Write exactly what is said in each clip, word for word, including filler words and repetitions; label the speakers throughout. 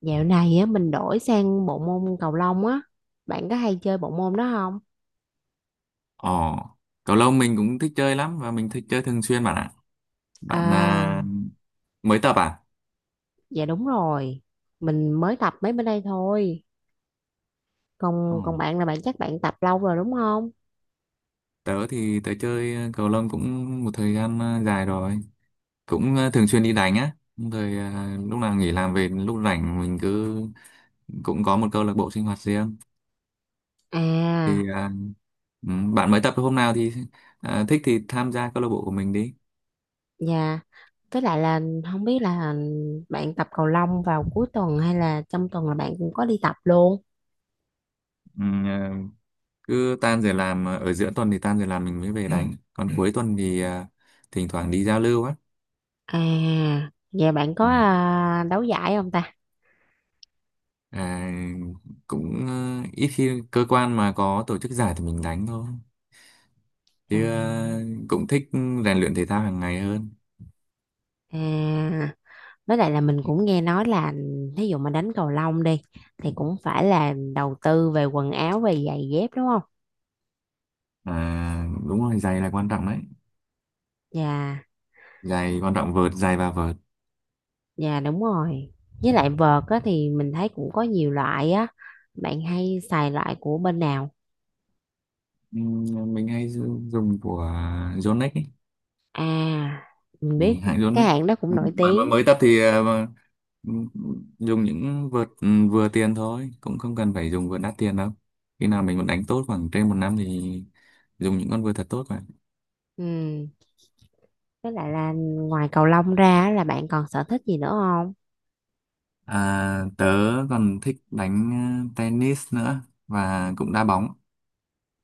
Speaker 1: Dạo này á mình đổi sang bộ môn cầu lông á. Bạn có hay chơi bộ môn đó không?
Speaker 2: Ồ, cầu lông mình cũng thích chơi lắm và mình thích chơi thường xuyên bạn ạ. Bạn à,
Speaker 1: À,
Speaker 2: mới tập à?
Speaker 1: dạ đúng rồi. Mình mới tập mấy bữa đây thôi.
Speaker 2: Ồ,
Speaker 1: Còn còn bạn là bạn chắc bạn tập lâu rồi đúng không?
Speaker 2: tớ thì tớ chơi ờ, cầu lông cũng một thời gian à, dài rồi. Cũng à, thường xuyên đi đánh á. Rồi à, lúc nào nghỉ làm về lúc rảnh mình cứ cũng có một câu lạc bộ sinh hoạt riêng.
Speaker 1: À,
Speaker 2: Thì à, ừ, Bạn mới tập hôm nào thì à, thích thì tham gia câu lạc bộ của mình đi.
Speaker 1: dạ. Với lại là không biết là bạn tập cầu lông vào cuối tuần hay là trong tuần là bạn cũng có đi tập luôn.
Speaker 2: Ừ, à, Cứ tan giờ làm à, ở giữa tuần thì tan giờ làm mình mới về đánh. Còn cuối tuần thì à, thỉnh thoảng đi giao lưu á.
Speaker 1: À, dạ bạn có
Speaker 2: Ừ.
Speaker 1: à, đấu giải không ta?
Speaker 2: à, cũng ờ, Ít khi cơ quan mà có tổ chức giải thì mình đánh thôi
Speaker 1: À,
Speaker 2: chứ ờ, cũng thích rèn luyện thể thao hàng ngày hơn.
Speaker 1: à, với lại là mình cũng nghe nói là thí dụ mà đánh cầu lông đi thì cũng phải là đầu tư về quần áo về giày dép đúng không.
Speaker 2: À, đúng rồi, giày là quan trọng đấy.
Speaker 1: Dạ,
Speaker 2: Giày quan trọng, vợt, giày và vợt.
Speaker 1: dạ đúng rồi. Với lại vợt á, thì mình thấy cũng có nhiều loại á, bạn hay xài loại của bên nào?
Speaker 2: Ừ, mình hay dùng dùng của Yonex ấy.
Speaker 1: À, mình
Speaker 2: Ừ,
Speaker 1: biết,
Speaker 2: hãng
Speaker 1: cái
Speaker 2: Yonex.
Speaker 1: hãng đó cũng
Speaker 2: Ừ,
Speaker 1: nổi
Speaker 2: bạn mà
Speaker 1: tiếng.
Speaker 2: mới tập thì ờ, mà- ừ, dùng những vợt ừ, vừa tiền thôi, cũng không cần phải dùng vợt đắt tiền đâu. Khi nào mình muốn đánh tốt khoảng trên một năm thì dùng những con vợt thật tốt mà.
Speaker 1: Ừ, với lại là ngoài cầu lông ra á, là bạn còn sở thích gì nữa không?
Speaker 2: À, tớ còn thích đánh ờ, tennis nữa và cũng đá bóng.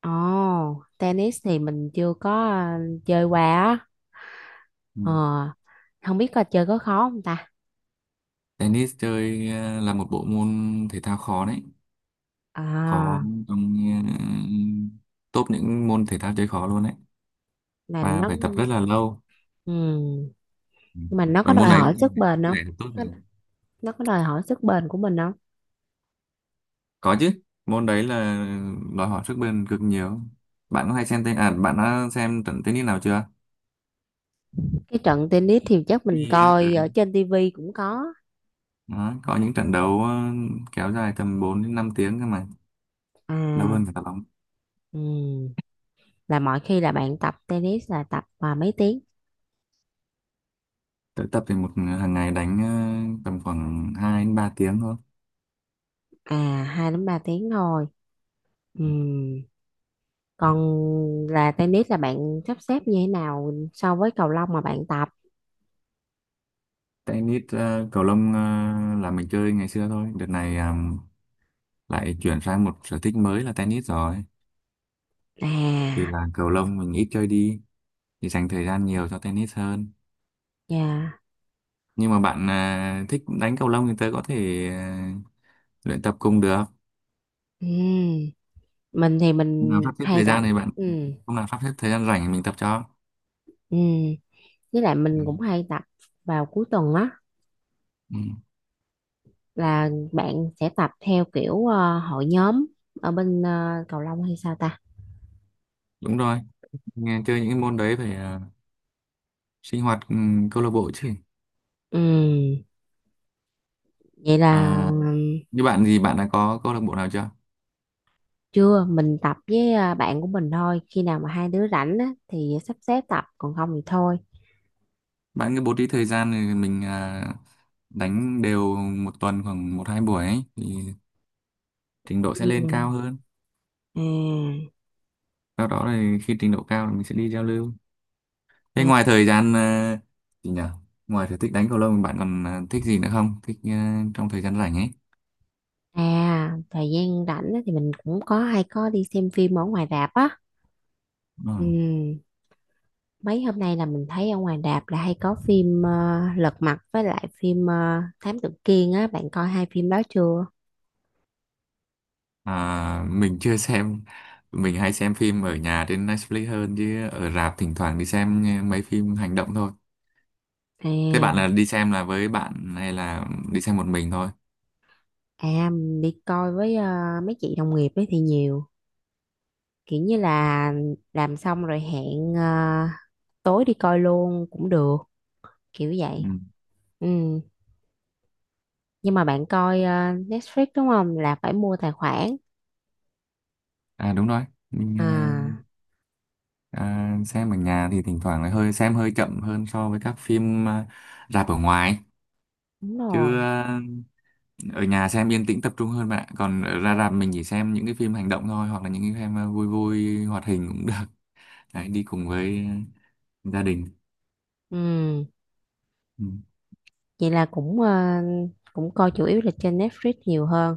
Speaker 1: Ồ, tennis thì mình chưa có ờ, chơi qua á.
Speaker 2: Ừ.
Speaker 1: ờ Không biết coi chơi có khó không ta?
Speaker 2: Tennis chơi ờ, là một bộ môn thể thao khó đấy, khó
Speaker 1: À,
Speaker 2: trong ờ, top những môn thể thao chơi khó luôn đấy,
Speaker 1: là
Speaker 2: và
Speaker 1: nó
Speaker 2: phải tập rất là lâu.
Speaker 1: ừ.
Speaker 2: Ừ.
Speaker 1: Nhưng mà nó có
Speaker 2: Và
Speaker 1: đòi
Speaker 2: môn đấy cũng
Speaker 1: hỏi
Speaker 2: cần
Speaker 1: sức
Speaker 2: phải
Speaker 1: bền
Speaker 2: sức
Speaker 1: không?
Speaker 2: khỏe thật tốt
Speaker 1: Có-
Speaker 2: rồi.
Speaker 1: nó có đòi hỏi sức bền của mình không?
Speaker 2: Có chứ, môn đấy là đòi hỏi sức bền cực nhiều. Bạn có hay xem tên à bạn đã xem trận tennis nào chưa?
Speaker 1: Cái trận tennis thì chắc mình
Speaker 2: Đi á, ừ.
Speaker 1: coi ở trên tivi cũng có.
Speaker 2: Đó, có những trận đấu ờ, kéo dài tầm bốn đến năm tiếng cơ mà, lâu
Speaker 1: À,
Speaker 2: hơn cả đá bóng.
Speaker 1: ừ. Là mọi khi là bạn tập tennis là tập à, mấy tiếng?
Speaker 2: Tự tập thì một hàng ngày đánh ờ, tầm khoảng hai đến ba tiếng thôi.
Speaker 1: À, hai đến ba tiếng thôi. Ừ, còn là tennis là bạn sắp xếp như thế nào so với cầu lông mà bạn tập.
Speaker 2: Tennis ờ, cầu lông ờ, là mình chơi ngày xưa thôi, đợt này ờ, lại chuyển sang một sở thích mới là tennis rồi. Thì
Speaker 1: À,
Speaker 2: là cầu lông mình ít chơi đi, thì dành thời gian nhiều cho tennis hơn.
Speaker 1: dạ.
Speaker 2: Nhưng mà bạn ờ, thích đánh cầu lông thì tớ có thể ờ, luyện tập cùng được.
Speaker 1: Ừ, mình thì
Speaker 2: Hôm nào
Speaker 1: mình
Speaker 2: sắp xếp
Speaker 1: hay
Speaker 2: thời gian thì
Speaker 1: rảnh.
Speaker 2: bạn
Speaker 1: Ừ.
Speaker 2: hôm nào sắp xếp thời gian rảnh thì mình tập cho.
Speaker 1: Ừ. Với lại
Speaker 2: Ừ.
Speaker 1: mình cũng hay tập vào cuối tuần á,
Speaker 2: Ừ.
Speaker 1: là bạn sẽ tập theo kiểu ờ, hội nhóm ở bên ờ, cầu lông hay sao ta?
Speaker 2: Đúng rồi, nghe chơi những cái môn đấy phải ờ, sinh hoạt ừ, câu lạc bộ chứ.
Speaker 1: Ừ, vậy là
Speaker 2: À,
Speaker 1: ừm,
Speaker 2: như bạn thì bạn đã có câu lạc bộ nào chưa?
Speaker 1: chưa, mình tập với ờ, bạn của mình thôi, khi nào mà hai đứa rảnh á, thì sắp xếp tập, còn không thì thôi.
Speaker 2: Bạn cứ bố trí thời gian thì mình à, đánh đều một tuần khoảng một hai buổi ấy, thì trình độ sẽ
Speaker 1: Ừ.
Speaker 2: lên cao hơn. Sau đó thì khi trình độ cao thì mình sẽ đi giao lưu. Thế
Speaker 1: à, à,
Speaker 2: ngoài thời gian à, gì nhỉ, ngoài sở thích đánh cầu lông bạn còn à, thích gì nữa không, thích à, trong thời gian rảnh ấy.
Speaker 1: À, thời gian rảnh á, thì mình cũng có hay có đi xem phim ở ngoài rạp á.
Speaker 2: Ừ.
Speaker 1: Ừ. Mấy hôm nay là mình thấy ở ngoài rạp là hay có phim ờ, Lật Mặt với lại phim ờ, Thám Tử Kiên á, bạn coi hai phim đó chưa?
Speaker 2: À, mình chưa xem, mình hay xem phim ở nhà trên Netflix hơn, chứ ở rạp thỉnh thoảng đi xem mấy phim hành động thôi. Thế
Speaker 1: À.
Speaker 2: bạn là đi xem là với bạn hay là đi xem một mình thôi?
Speaker 1: À, đi coi với ờ, mấy chị đồng nghiệp ấy thì nhiều, kiểu như là làm xong rồi hẹn ờ, tối đi coi luôn cũng được, kiểu
Speaker 2: Ừ.
Speaker 1: vậy. Ừ. Nhưng mà bạn coi ờ, Netflix đúng không, là phải mua tài khoản?
Speaker 2: À đúng rồi, mình
Speaker 1: À,
Speaker 2: ờ, à, xem ở nhà thì thỉnh thoảng lại hơi xem hơi chậm hơn so với các phim ờ, rạp ở ngoài.
Speaker 1: đúng rồi.
Speaker 2: Chứ ờ, ở nhà xem yên tĩnh tập trung hơn bạn ạ. Còn ở ra rạp mình chỉ xem những cái phim hành động thôi, hoặc là những cái phim ờ, vui vui hoạt hình cũng được. Đấy, đi cùng với ờ, gia đình.
Speaker 1: Ừ.
Speaker 2: Ừ.
Speaker 1: Vậy là cũng ờ, cũng coi chủ yếu là trên Netflix nhiều hơn.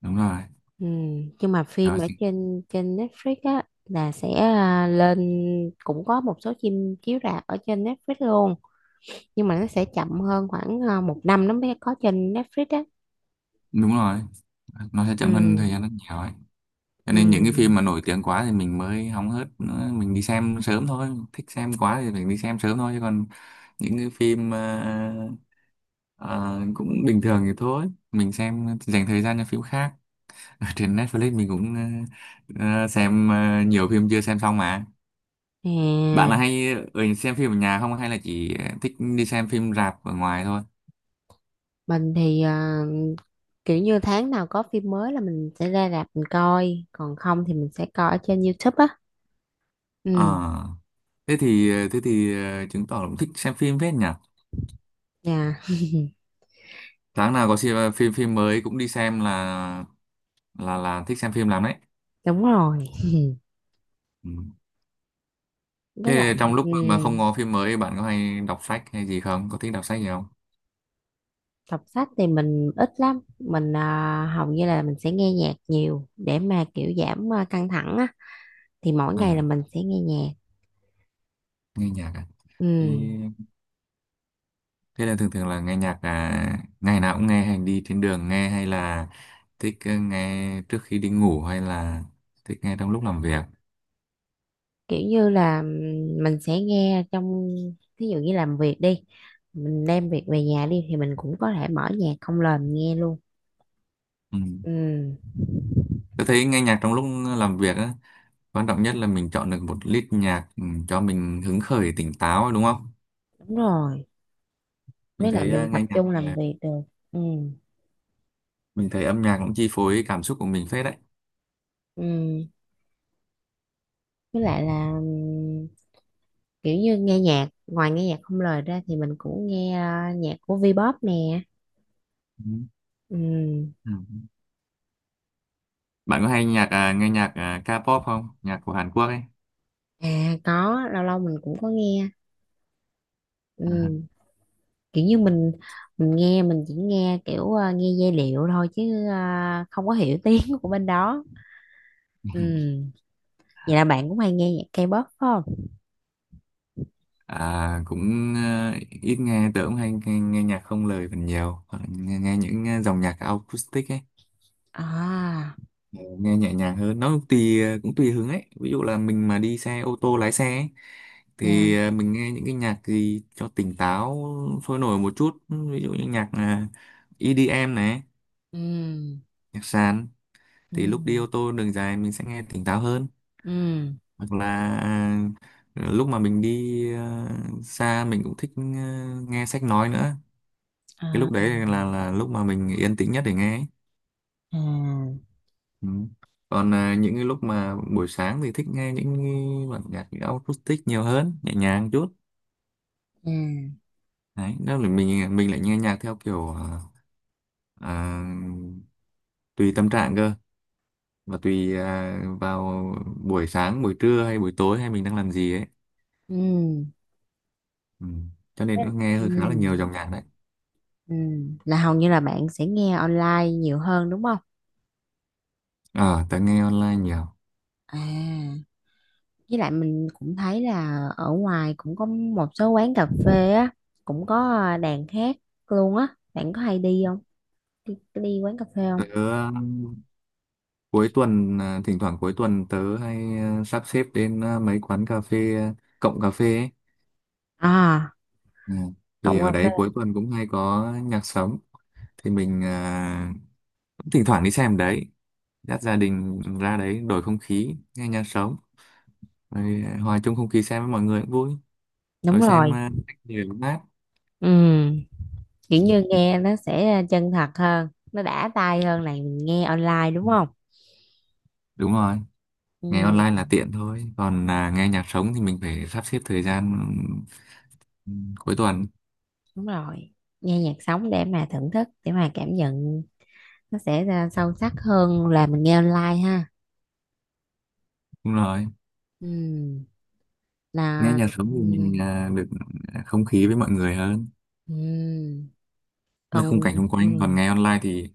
Speaker 2: Đúng rồi,
Speaker 1: Ừ. Nhưng mà phim
Speaker 2: đó,
Speaker 1: ở trên trên Netflix á là sẽ ờ, lên, cũng có một số phim chiếu rạp ở trên Netflix luôn, nhưng mà nó sẽ chậm hơn khoảng ờ, một năm nó mới có trên Netflix á.
Speaker 2: đúng rồi. Nó sẽ chậm hơn thời
Speaker 1: Ừ,
Speaker 2: gian rất nhiều ấy. Cho nên những
Speaker 1: ừ.
Speaker 2: cái phim mà nổi tiếng quá thì mình mới hóng hớt nữa, mình đi xem sớm thôi, thích xem quá thì mình đi xem sớm thôi, chứ còn những cái phim ờ, ờ, cũng bình thường thì thôi mình xem dành thời gian cho phim khác. Ở trên Netflix mình cũng ờ, ờ, xem ờ, nhiều phim chưa xem xong mà. Bạn là
Speaker 1: À,
Speaker 2: hay ở xem phim ở nhà không, hay là chỉ thích đi xem phim rạp ở ngoài thôi?
Speaker 1: mình thì ờ, kiểu như tháng nào có phim mới là mình sẽ ra rạp mình coi, còn không thì mình sẽ coi ở trên YouTube á.
Speaker 2: Ờ,
Speaker 1: Ừ.
Speaker 2: thế thì ờ, thế thì ờ, chứng tỏ là cũng thích xem phim phết nhỉ.
Speaker 1: Dạ
Speaker 2: Tháng nào có xem phim phim mới cũng đi xem là là là thích xem phim lắm đấy.
Speaker 1: đúng rồi.
Speaker 2: Ừ.
Speaker 1: Với lại
Speaker 2: Thế trong
Speaker 1: ừ,
Speaker 2: lúc mà không có phim mới bạn có hay đọc sách hay gì không, có thích đọc sách gì không?
Speaker 1: đọc sách thì mình ít lắm, mình ờ, hầu như là mình sẽ nghe nhạc nhiều để mà kiểu giảm ờ, căng thẳng á, thì mỗi ngày là
Speaker 2: à,
Speaker 1: mình sẽ nghe nhạc.
Speaker 2: Nghe nhạc à?
Speaker 1: Ừ,
Speaker 2: thế, Thế là thường thường là nghe nhạc à, ngày nào cũng nghe, hay đi trên đường nghe, hay là thích ờ, nghe trước khi đi ngủ, hay là thích nghe trong lúc làm việc.
Speaker 1: kiểu như là mình sẽ nghe trong, ví dụ như làm việc đi, mình đem việc về nhà đi thì mình cũng có thể mở nhạc không lời mình nghe luôn.
Speaker 2: Ừ.
Speaker 1: Ừ,
Speaker 2: Tôi thấy nghe nhạc trong lúc làm việc á, quan trọng nhất là mình chọn được một lít nhạc ừ, cho mình hứng khởi tỉnh táo đúng không.
Speaker 1: đúng rồi,
Speaker 2: Mình
Speaker 1: với lại
Speaker 2: thấy ờ,
Speaker 1: mình tập
Speaker 2: nghe nhạc
Speaker 1: trung làm
Speaker 2: ờ,
Speaker 1: việc được. Ừ.
Speaker 2: mình thấy âm nhạc cũng chi phối cảm xúc của mình phết đấy.
Speaker 1: Ừ, với lại là ừm, kiểu như nghe nhạc, ngoài nghe nhạc không lời ra thì mình cũng nghe ờ, nhạc của Vpop nè.
Speaker 2: Ừ.
Speaker 1: Ừ.
Speaker 2: Ừ. Bạn có hay nhạc à, nghe nhạc à, K-pop không, nhạc của Hàn Quốc ấy
Speaker 1: À, có lâu lâu mình cũng có nghe. Ừ,
Speaker 2: à?
Speaker 1: kiểu như mình mình nghe, mình chỉ nghe kiểu à, nghe giai điệu thôi, chứ à, không có hiểu tiếng của bên đó. Ừ, vậy là bạn cũng hay nghe nhạc K-pop phải không?
Speaker 2: À, cũng à, ít nghe, tớ cũng hay nghe, nghe nhạc không lời phần nhiều. Hoặc là nghe, nghe những à, dòng nhạc acoustic ấy.
Speaker 1: À,
Speaker 2: Ờ, Nghe nhẹ nhàng hơn, nó cũng tùy à, cũng tùy hứng ấy. Ví dụ là mình mà đi xe ô tô lái xe ấy,
Speaker 1: nha.
Speaker 2: thì à, mình nghe những cái nhạc gì cho tỉnh táo, sôi nổi một chút, ví dụ như nhạc à, i đi em này,
Speaker 1: Ừ,
Speaker 2: nhạc sàn.
Speaker 1: ừ,
Speaker 2: Thì lúc đi ô tô đường dài mình sẽ nghe tỉnh táo hơn.
Speaker 1: ừ.
Speaker 2: Hoặc là à, lúc mà mình đi à, xa, mình cũng thích à, nghe sách nói nữa.
Speaker 1: À,
Speaker 2: Cái lúc
Speaker 1: à,
Speaker 2: đấy là là lúc mà mình yên tĩnh nhất để nghe ấy.
Speaker 1: à.
Speaker 2: Ừ. Còn à, những cái lúc mà buổi sáng thì thích nghe những cái bản nhạc acoustic nhiều hơn, nhẹ nhàng chút.
Speaker 1: Ừ.
Speaker 2: Đấy, đó là mình mình lại nghe nhạc theo kiểu à, à, tùy tâm trạng cơ, và tùy à, vào buổi sáng, buổi trưa hay buổi tối, hay mình đang làm gì ấy. Ừ. Cho nên
Speaker 1: Thế-
Speaker 2: cũng nghe
Speaker 1: ừ,
Speaker 2: hơi khá là nhiều dòng nhạc đấy.
Speaker 1: ừ, là hầu như là bạn sẽ nghe online nhiều hơn đúng không?
Speaker 2: Ờ, Tớ nghe online nhiều.
Speaker 1: À, với lại mình cũng thấy là ở ngoài cũng có một số quán cà phê á, cũng có à, đàn hát luôn á, bạn có hay đi không, đi, đi quán cà phê không?
Speaker 2: Tớ ờ, cuối tuần, ờ, thỉnh thoảng cuối tuần tớ hay ờ, sắp xếp đến ờ, mấy quán cà phê, ờ, cộng cà phê ấy.
Speaker 1: À,
Speaker 2: Ừ. Thì
Speaker 1: cộng
Speaker 2: ở
Speaker 1: cà phê.
Speaker 2: đấy cuối tuần cũng hay có nhạc sống. Thì mình ờ, cũng thỉnh thoảng đi xem đấy. Dắt gia đình ra đấy đổi không khí, nghe nhạc sống. Rồi ờ, hòa chung không khí xem với mọi người cũng vui.
Speaker 1: Đúng
Speaker 2: Rồi xem ờ,
Speaker 1: rồi.
Speaker 2: nhiều mát.
Speaker 1: Ừ, kiểu
Speaker 2: Ừ.
Speaker 1: như nghe nó sẽ chân thật hơn, nó đã tai hơn là mình nghe online đúng
Speaker 2: Ừ,
Speaker 1: không?
Speaker 2: đúng rồi. Nghe online
Speaker 1: Ừ,
Speaker 2: là tiện thôi, còn à, nghe nhạc sống thì mình phải sắp xếp thời gian cuối tuần.
Speaker 1: đúng rồi. Nghe nhạc sống để mà thưởng thức, để mà cảm nhận, nó sẽ ra sâu sắc hơn là mình nghe online ha.
Speaker 2: Đúng rồi,
Speaker 1: Ừ,
Speaker 2: nghe
Speaker 1: là
Speaker 2: nhạc sống
Speaker 1: ừ.
Speaker 2: thì mình à, được à, không khí với mọi người hơn,
Speaker 1: Ừ.
Speaker 2: với
Speaker 1: Còn
Speaker 2: khung cảnh xung quanh. Còn
Speaker 1: ừm,
Speaker 2: nghe online thì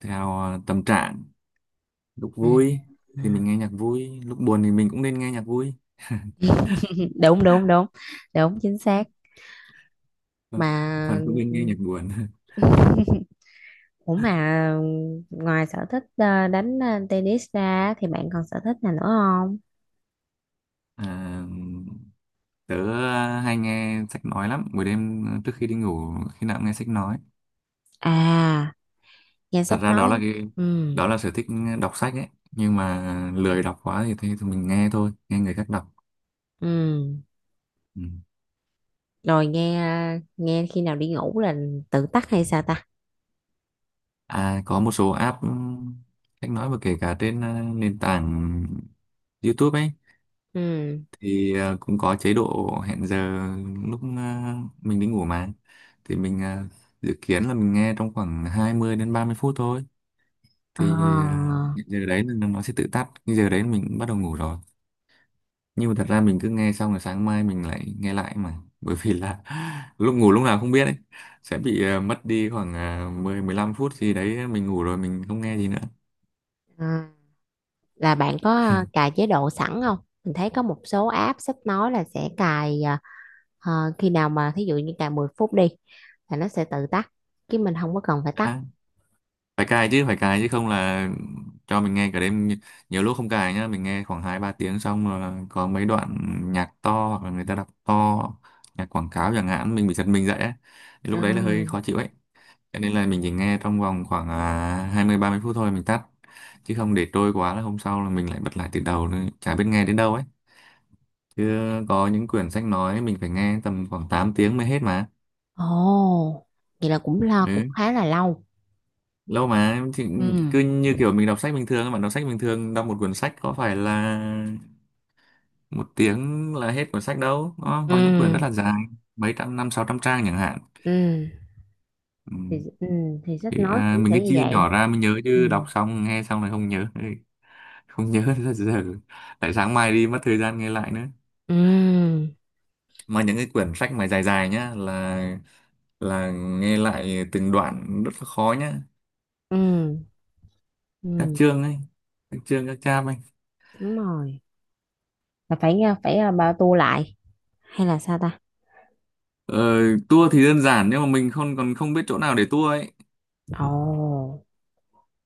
Speaker 2: theo à, tâm trạng. Lúc
Speaker 1: à,
Speaker 2: vui
Speaker 1: à.
Speaker 2: thì mình nghe nhạc vui, lúc buồn thì mình cũng nên nghe nhạc vui
Speaker 1: Đúng, đúng, đúng, đúng chính xác
Speaker 2: còn
Speaker 1: mà.
Speaker 2: còn không nên nghe nhạc buồn.
Speaker 1: Ủa mà, ngoài sở thích ờ, đánh ờ, tennis ra thì bạn còn sở thích nào nữa không?
Speaker 2: à, Tớ hay nghe sách nói lắm, buổi đêm trước khi đi ngủ khi nào cũng nghe sách nói.
Speaker 1: À, nghe
Speaker 2: Thật
Speaker 1: sách
Speaker 2: ra
Speaker 1: nói.
Speaker 2: đó là cái
Speaker 1: Ừ,
Speaker 2: đó là sở thích đọc sách ấy, nhưng mà lười đọc quá thì, thì, thì mình nghe thôi, nghe người khác đọc.
Speaker 1: ừ,
Speaker 2: Ừ.
Speaker 1: rồi nghe nghe khi nào đi ngủ là tự tắt hay sao ta?
Speaker 2: À, có một số app ừm, sách nói, và kể cả trên ờ, nền tảng YouTube ấy,
Speaker 1: Ừ.
Speaker 2: thì ờ, cũng có chế độ hẹn giờ. Lúc ờ, mình đi ngủ mà, thì mình ờ, dự kiến là mình nghe trong khoảng hai mươi đến ba mươi phút thôi,
Speaker 1: Ờ,
Speaker 2: thì ờ, giờ đấy là nó sẽ tự tắt, cái giờ đấy mình cũng bắt đầu ngủ rồi. Nhưng mà thật ra mình cứ nghe xong rồi sáng mai mình lại nghe lại mà bởi vì là lúc ngủ lúc nào không biết ấy, sẽ bị ờ, mất đi khoảng ờ, mười mười lăm phút gì đấy, mình ngủ rồi mình không nghe gì nữa.
Speaker 1: à, là bạn có cài chế độ sẵn không? Mình thấy có một số app sách nói là sẽ cài. Ờ, Khi nào mà thí dụ như cài mười phút đi, là nó sẽ tự tắt, chứ mình không có cần phải tắt.
Speaker 2: à, Phải cài chứ, phải cài chứ, không là cho mình nghe cả đêm. Nhi- nhiều lúc không cài nhá, mình nghe khoảng hai ba tiếng, xong rồi có mấy đoạn nhạc to hoặc là người ta đọc to, nhạc quảng cáo chẳng hạn, mình bị giật mình dậy ấy. Thì lúc đấy là hơi
Speaker 1: À.
Speaker 2: khó chịu ấy. Cho nên là mình chỉ nghe trong vòng khoảng à, hai mươi ba mươi phút thôi, mình tắt. Chứ không để trôi quá là hôm sau là mình lại bật lại từ đầu nữa. Chả biết nghe đến đâu ấy. Chứ có những quyển sách nói mình phải nghe tầm khoảng tám tiếng mới hết mà.
Speaker 1: Ồ, vậy là cũng lo, cũng
Speaker 2: Ừ.
Speaker 1: khá là lâu.
Speaker 2: Lâu mà thì
Speaker 1: Ừ.
Speaker 2: cứ như kiểu mình đọc sách bình thường. Bạn đọc sách bình thường, đọc một quyển sách có phải là một tiếng là hết cuốn sách đâu. Nó
Speaker 1: Ừ,
Speaker 2: có những quyển rất là dài. Mấy trăm, năm, sáu trăm trang chẳng hạn.
Speaker 1: ừ,
Speaker 2: Ừ.
Speaker 1: thì, ừ, thì sách
Speaker 2: Thì
Speaker 1: nói
Speaker 2: à,
Speaker 1: cũng
Speaker 2: mình
Speaker 1: sẽ
Speaker 2: cứ
Speaker 1: như
Speaker 2: chia nhỏ
Speaker 1: vậy.
Speaker 2: ra mới nhớ,
Speaker 1: Ừ,
Speaker 2: chứ đọc xong nghe xong là không nhớ. Ừ. Không nhớ ra giờ, tại sáng mai đi mất thời gian nghe lại nữa.
Speaker 1: ừ,
Speaker 2: Mà những cái quyển sách mà dài dài nhá, là là nghe lại từng đoạn rất là khó nhá.
Speaker 1: ừ,
Speaker 2: Các
Speaker 1: ừ,
Speaker 2: chương ấy, các chương các chap ấy.
Speaker 1: đúng rồi. Là phải nha, phải à, bao tu lại hay là sao ta?
Speaker 2: ờ, Tour thì đơn giản, nhưng mà mình không còn không biết chỗ nào để tour ấy.
Speaker 1: Ồ,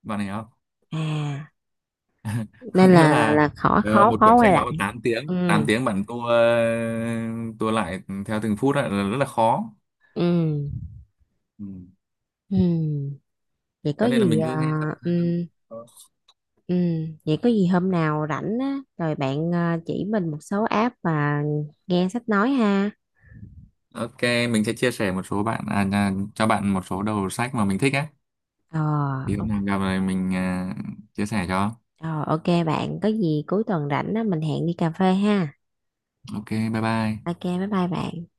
Speaker 2: Bạn hiểu không?
Speaker 1: à,
Speaker 2: Có
Speaker 1: nên
Speaker 2: nghĩa
Speaker 1: là là,
Speaker 2: là
Speaker 1: là khó
Speaker 2: ờ,
Speaker 1: khó
Speaker 2: một
Speaker 1: khó
Speaker 2: quyển
Speaker 1: quay
Speaker 2: sách nói vào
Speaker 1: lại.
Speaker 2: tám
Speaker 1: Ừ,
Speaker 2: tiếng, tám tiếng, bạn tour ờ, tour lại theo từng phút ấy, là rất là khó.
Speaker 1: ừ,
Speaker 2: Ừ.
Speaker 1: ừ. Vậy có
Speaker 2: Cho nên là
Speaker 1: gì
Speaker 2: mình cứ
Speaker 1: à,
Speaker 2: nghe tập.
Speaker 1: ừ, Ừ, Vậy có gì hôm nào rảnh á, rồi bạn ờ, chỉ mình một số app mà nghe sách nói ha.
Speaker 2: OK, mình sẽ chia sẻ một số bạn à, à, cho bạn một số đầu sách mà mình thích á.
Speaker 1: Ờ,
Speaker 2: Thì hôm
Speaker 1: ok
Speaker 2: nào gặp này mình à, chia sẻ cho.
Speaker 1: ờ, ok bạn, có gì cuối tuần rảnh á, mình hẹn đi cà phê ha.
Speaker 2: OK, bye bye.
Speaker 1: Ok, bye bye bạn.